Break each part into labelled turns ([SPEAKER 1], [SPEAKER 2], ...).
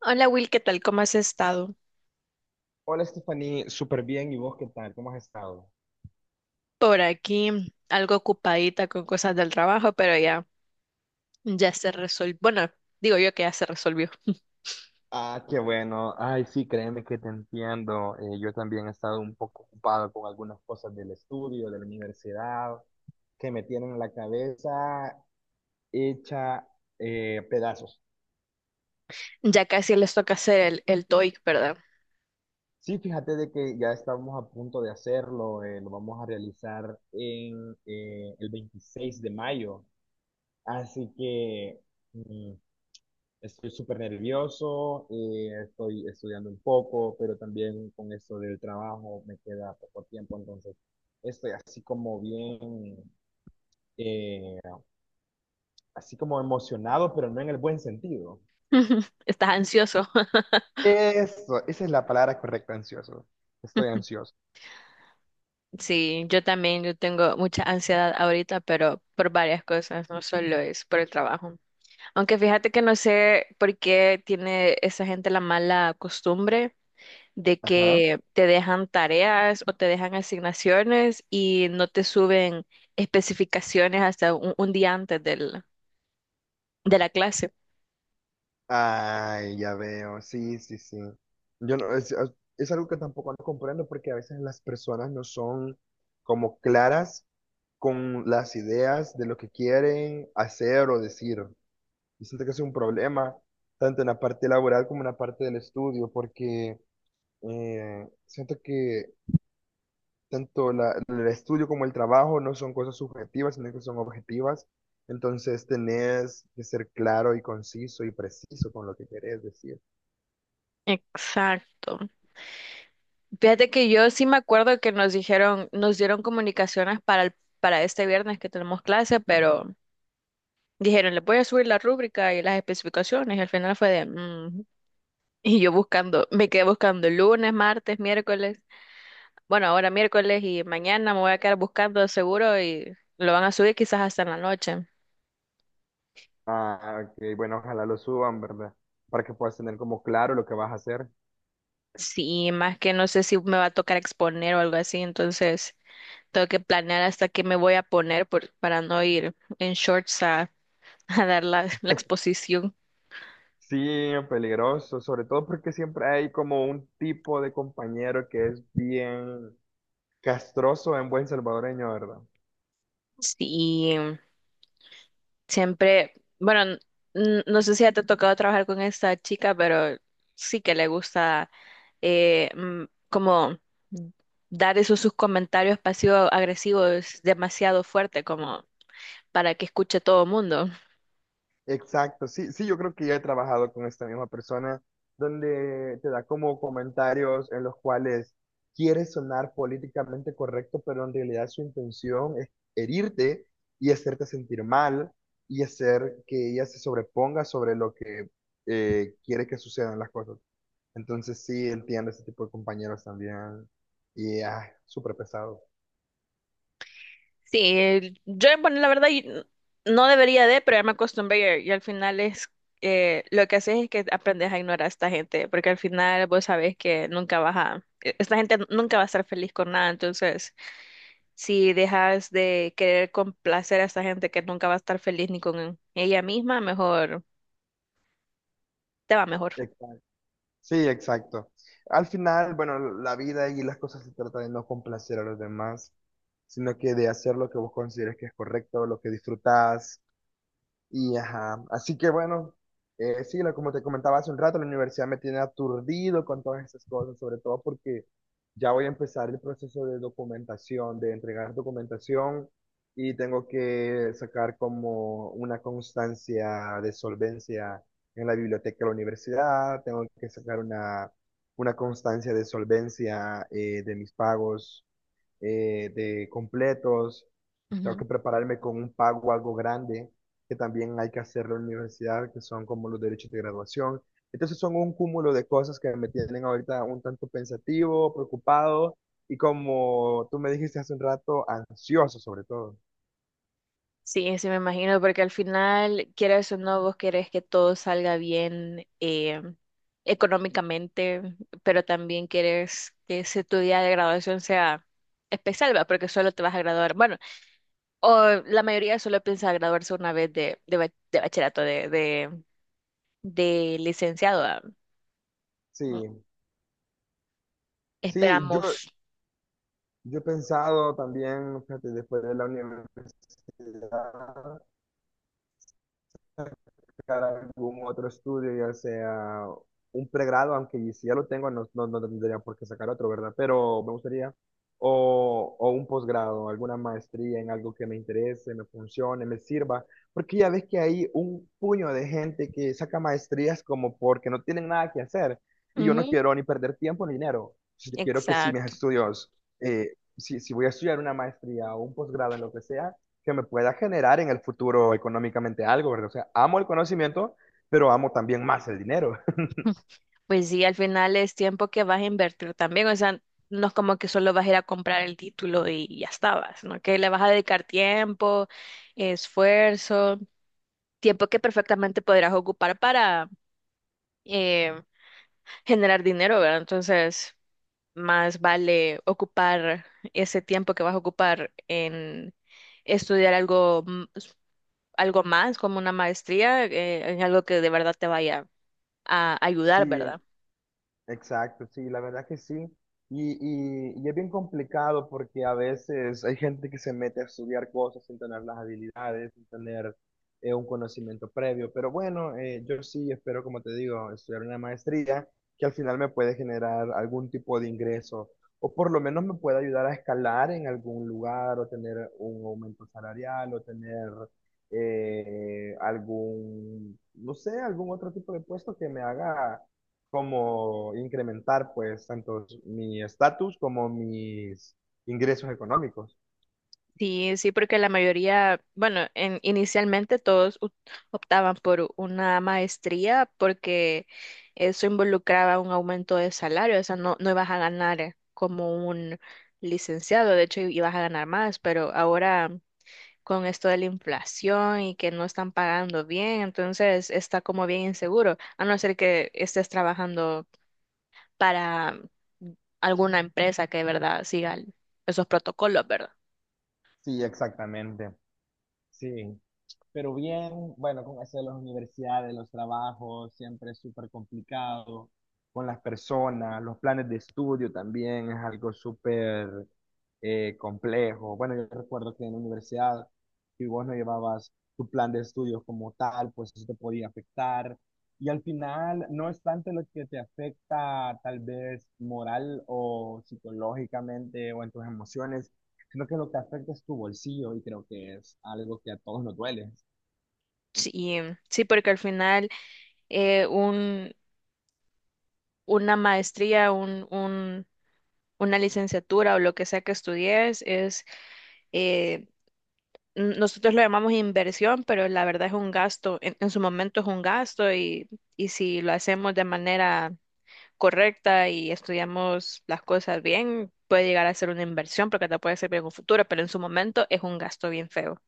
[SPEAKER 1] Hola Will, ¿qué tal? ¿Cómo has estado?
[SPEAKER 2] Hola, Stephanie, súper bien. ¿Y vos qué tal? ¿Cómo has estado?
[SPEAKER 1] Por aquí, algo ocupadita con cosas del trabajo, pero ya, ya se resolvió. Bueno, digo yo que ya se resolvió.
[SPEAKER 2] Ah, qué bueno. Ay, sí, créeme que te entiendo. Yo también he estado un poco ocupado con algunas cosas del estudio, de la universidad, que me tienen la cabeza hecha pedazos.
[SPEAKER 1] Ya casi les toca hacer el TOEIC, ¿verdad?
[SPEAKER 2] Sí, fíjate de que ya estamos a punto de hacerlo. Lo vamos a realizar en el 26 de mayo. Así que, mm, estoy súper nervioso, estoy estudiando un poco, pero también con esto del trabajo me queda poco tiempo, entonces estoy así como bien, eh, así como emocionado, pero no en el buen sentido.
[SPEAKER 1] ¿Estás ansioso?
[SPEAKER 2] Eso, esa es la palabra correcta, ansioso. Estoy ansioso.
[SPEAKER 1] Sí, yo también, yo tengo mucha ansiedad ahorita, pero por varias cosas, no solo es por el trabajo. Aunque fíjate que no sé por qué tiene esa gente la mala costumbre de
[SPEAKER 2] Ajá.
[SPEAKER 1] que te dejan tareas o te dejan asignaciones y no te suben especificaciones hasta un día de la clase.
[SPEAKER 2] Ay, ya veo. Sí, sí, sí. Yo no, es algo que tampoco no comprendo porque a veces las personas no son como claras con las ideas de lo que quieren hacer o decir. Y siento que es un problema, tanto en la parte laboral como en la parte del estudio, porque siento que el estudio como el trabajo no son cosas subjetivas, sino que son objetivas. Entonces tenés que ser claro y conciso y preciso con lo que querés decir.
[SPEAKER 1] Exacto. Fíjate que yo sí me acuerdo que nos dijeron, nos dieron comunicaciones para este viernes que tenemos clase, pero dijeron, les voy a subir la rúbrica y las especificaciones. Y al final fue de, "Mm". Y yo buscando, me quedé buscando lunes, martes, miércoles. Bueno, ahora miércoles y mañana me voy a quedar buscando de seguro y lo van a subir quizás hasta en la noche.
[SPEAKER 2] Ah, ok, bueno, ojalá lo suban, ¿verdad? Para que puedas tener como claro lo que vas a hacer.
[SPEAKER 1] Sí, más que no sé si me va a tocar exponer o algo así, entonces tengo que planear hasta qué me voy a poner para no ir en shorts a, a dar la exposición.
[SPEAKER 2] Sí, peligroso, sobre todo porque siempre hay como un tipo de compañero que es bien castroso en buen salvadoreño, ¿verdad?
[SPEAKER 1] Sí, siempre, bueno, no sé si ya te ha tocado trabajar con esta chica, pero sí que le gusta como dar esos sus comentarios pasivo-agresivos demasiado fuerte como para que escuche todo el mundo.
[SPEAKER 2] Exacto, sí, sí, yo creo que ya he trabajado con esta misma persona donde te da como comentarios en los cuales quiere sonar políticamente correcto, pero en realidad su intención es herirte y hacerte sentir mal y hacer que ella se sobreponga sobre lo que quiere que sucedan las cosas. Entonces sí entiendo ese tipo de compañeros también. Y ay, súper pesado.
[SPEAKER 1] Sí, yo, bueno, la verdad, no debería de, pero ya me acostumbré y al final es, lo que haces es que aprendes a ignorar a esta gente, porque al final vos sabés que nunca esta gente nunca va a estar feliz con nada, entonces... Si dejas de querer complacer a esa gente que nunca va a estar feliz ni con ella misma, mejor te va mejor.
[SPEAKER 2] Exacto. Sí, exacto. Al final, bueno, la vida y las cosas se trata de no complacer a los demás, sino que de hacer lo que vos consideres que es correcto, lo que disfrutás. Y ajá, así que bueno, sí, como te comentaba hace un rato, la universidad me tiene aturdido con todas esas cosas, sobre todo porque ya voy a empezar el proceso de documentación, de entregar documentación y tengo que sacar como una constancia de solvencia en la biblioteca de la universidad, tengo que sacar una constancia de solvencia de mis pagos de completos, tengo
[SPEAKER 1] Ujú.
[SPEAKER 2] que prepararme con un pago algo grande, que también hay que hacerlo en la universidad, que son como los derechos de graduación. Entonces son un cúmulo de cosas que me tienen ahorita un tanto pensativo, preocupado y como tú me dijiste hace un rato, ansioso sobre todo.
[SPEAKER 1] Sí, sí me imagino, porque al final, quieras o no, vos querés que todo salga bien económicamente, pero también quieres que ese tu día de graduación sea especial, ¿va? Porque solo te vas a graduar. Bueno, o la mayoría solo piensa graduarse una vez de bachillerato, de licenciado. ¿Va?
[SPEAKER 2] Sí, sí,
[SPEAKER 1] Esperamos.
[SPEAKER 2] yo he pensado también, fíjate, después de la universidad, buscar algún otro estudio, ya sea un pregrado, aunque si ya lo tengo, no tendría por qué sacar otro, ¿verdad? Pero me gustaría, o un posgrado, alguna maestría en algo que me interese, me funcione, me sirva, porque ya ves que hay un puño de gente que saca maestrías como porque no tienen nada que hacer, y yo no quiero ni perder tiempo ni dinero. Yo quiero que si mis
[SPEAKER 1] Exacto.
[SPEAKER 2] estudios, si voy a estudiar una maestría o un posgrado en lo que sea, que me pueda generar en el futuro económicamente algo, ¿verdad? O sea, amo el conocimiento, pero amo también más el dinero.
[SPEAKER 1] Pues sí, al final es tiempo que vas a invertir también. O sea, no es como que solo vas a ir a comprar el título y ya estabas, ¿no? Que le vas a dedicar tiempo, esfuerzo, tiempo que perfectamente podrás ocupar para eh, generar dinero, ¿verdad? Entonces, más vale ocupar ese tiempo que vas a ocupar en estudiar algo, algo más, como una maestría, en algo que de verdad te vaya a ayudar,
[SPEAKER 2] Sí,
[SPEAKER 1] ¿verdad?
[SPEAKER 2] exacto, sí, la verdad que sí. Y es bien complicado porque a veces hay gente que se mete a estudiar cosas sin tener las habilidades, sin tener un conocimiento previo. Pero bueno, yo sí espero, como te digo, estudiar una maestría que al final me puede generar algún tipo de ingreso o por lo menos me puede ayudar a escalar en algún lugar o tener un aumento salarial o tener algún, no sé, algún otro tipo de puesto que me haga como incrementar pues tanto mi estatus como mis ingresos económicos.
[SPEAKER 1] Sí, sí, porque la mayoría, bueno, inicialmente optaban por una maestría porque eso involucraba un aumento de salario, o sea, no ibas a ganar como un licenciado, de hecho ibas a ganar más, pero ahora con esto de la inflación y que no están pagando bien, entonces está como bien inseguro, a no ser que estés trabajando para alguna empresa que de verdad siga esos protocolos, ¿verdad?
[SPEAKER 2] Sí, exactamente. Sí. Pero bien, bueno, con eso de las universidades, los trabajos, siempre es súper complicado. Con las personas, los planes de estudio también es algo súper complejo. Bueno, yo recuerdo que en la universidad, si vos no llevabas tu plan de estudios como tal, pues eso te podía afectar. Y al final, no es tanto lo que te afecta tal vez moral o psicológicamente o en tus emociones, sino que lo que afecta es tu bolsillo y creo que es algo que a todos nos duele.
[SPEAKER 1] Sí, sí, porque al final eh, un, una maestría, una licenciatura o lo que sea que estudies es, eh, nosotros lo llamamos inversión, pero la verdad es un gasto, en su momento es un gasto y si lo hacemos de manera correcta y estudiamos las cosas bien, puede llegar a ser una inversión porque te puede servir en un futuro, pero en su momento es un gasto bien feo.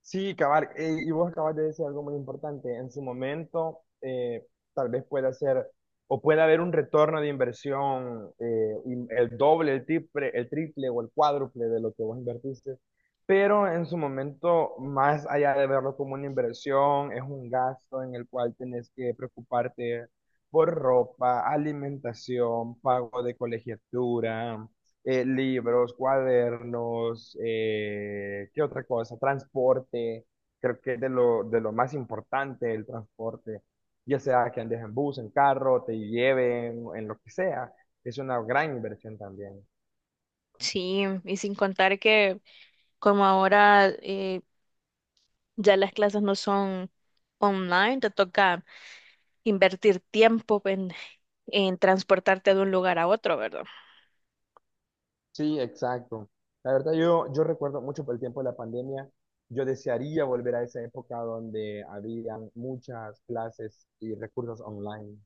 [SPEAKER 2] Sí, cabal, y vos acabas de decir algo muy importante. En su momento, tal vez pueda ser o puede haber un retorno de inversión, el doble, el triple o el cuádruple de lo que vos invertiste. Pero en su momento, más allá de verlo como una inversión, es un gasto en el cual tenés que preocuparte por ropa, alimentación, pago de colegiatura libros, cuadernos, ¿qué otra cosa? Transporte, creo que es de lo más importante el transporte, ya sea que andes en bus, en carro, te lleven, en lo que sea, es una gran inversión también.
[SPEAKER 1] Sí, y sin contar que... Como ahora ya las clases no son online, te toca invertir tiempo en transportarte de un lugar a otro, ¿verdad?
[SPEAKER 2] Sí, exacto. La verdad, yo recuerdo mucho por el tiempo de la pandemia, yo desearía volver a esa época donde habían muchas clases y recursos online.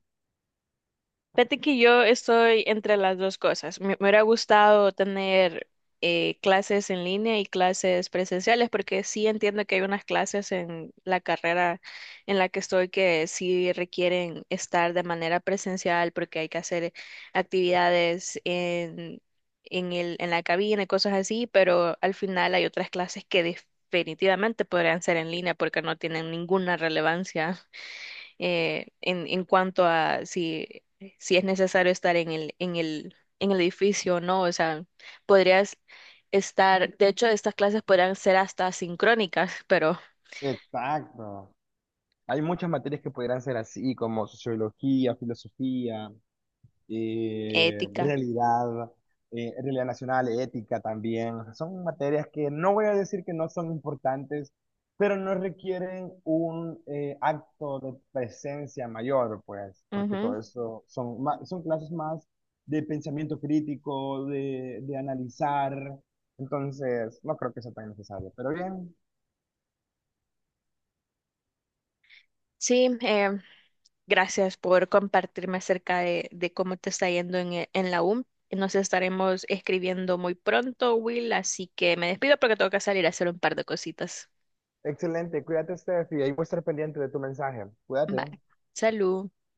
[SPEAKER 1] Fíjate que yo estoy entre las dos cosas. Me hubiera gustado tener clases en línea y clases presenciales, porque sí entiendo que hay unas clases en la carrera en la que estoy que sí requieren estar de manera presencial, porque hay que hacer actividades en la cabina y cosas así, pero al final hay otras clases que definitivamente podrían ser en línea porque no tienen ninguna relevancia en cuanto a si, si es necesario estar en el edificio o no. O sea, podrías estar, de hecho, estas clases podrían ser hasta sincrónicas, pero
[SPEAKER 2] Exacto. Hay muchas materias que podrían ser así, como sociología, filosofía, eh,
[SPEAKER 1] ética.
[SPEAKER 2] realidad, realidad nacional, ética también. O sea, son materias que no voy a decir que no son importantes, pero no requieren un acto de presencia mayor, pues, porque
[SPEAKER 1] Ujú.
[SPEAKER 2] todo eso son, son clases más de pensamiento crítico, de analizar. Entonces, no creo que sea tan necesario, pero bien.
[SPEAKER 1] Sí, gracias por compartirme acerca de cómo te está yendo en, en la U. Nos estaremos escribiendo muy pronto, Will, así que me despido porque tengo que salir a hacer un par de cositas.
[SPEAKER 2] Excelente, cuídate, Steph, y ahí voy a estar pendiente de tu mensaje. Cuídate.
[SPEAKER 1] Bye. Salud.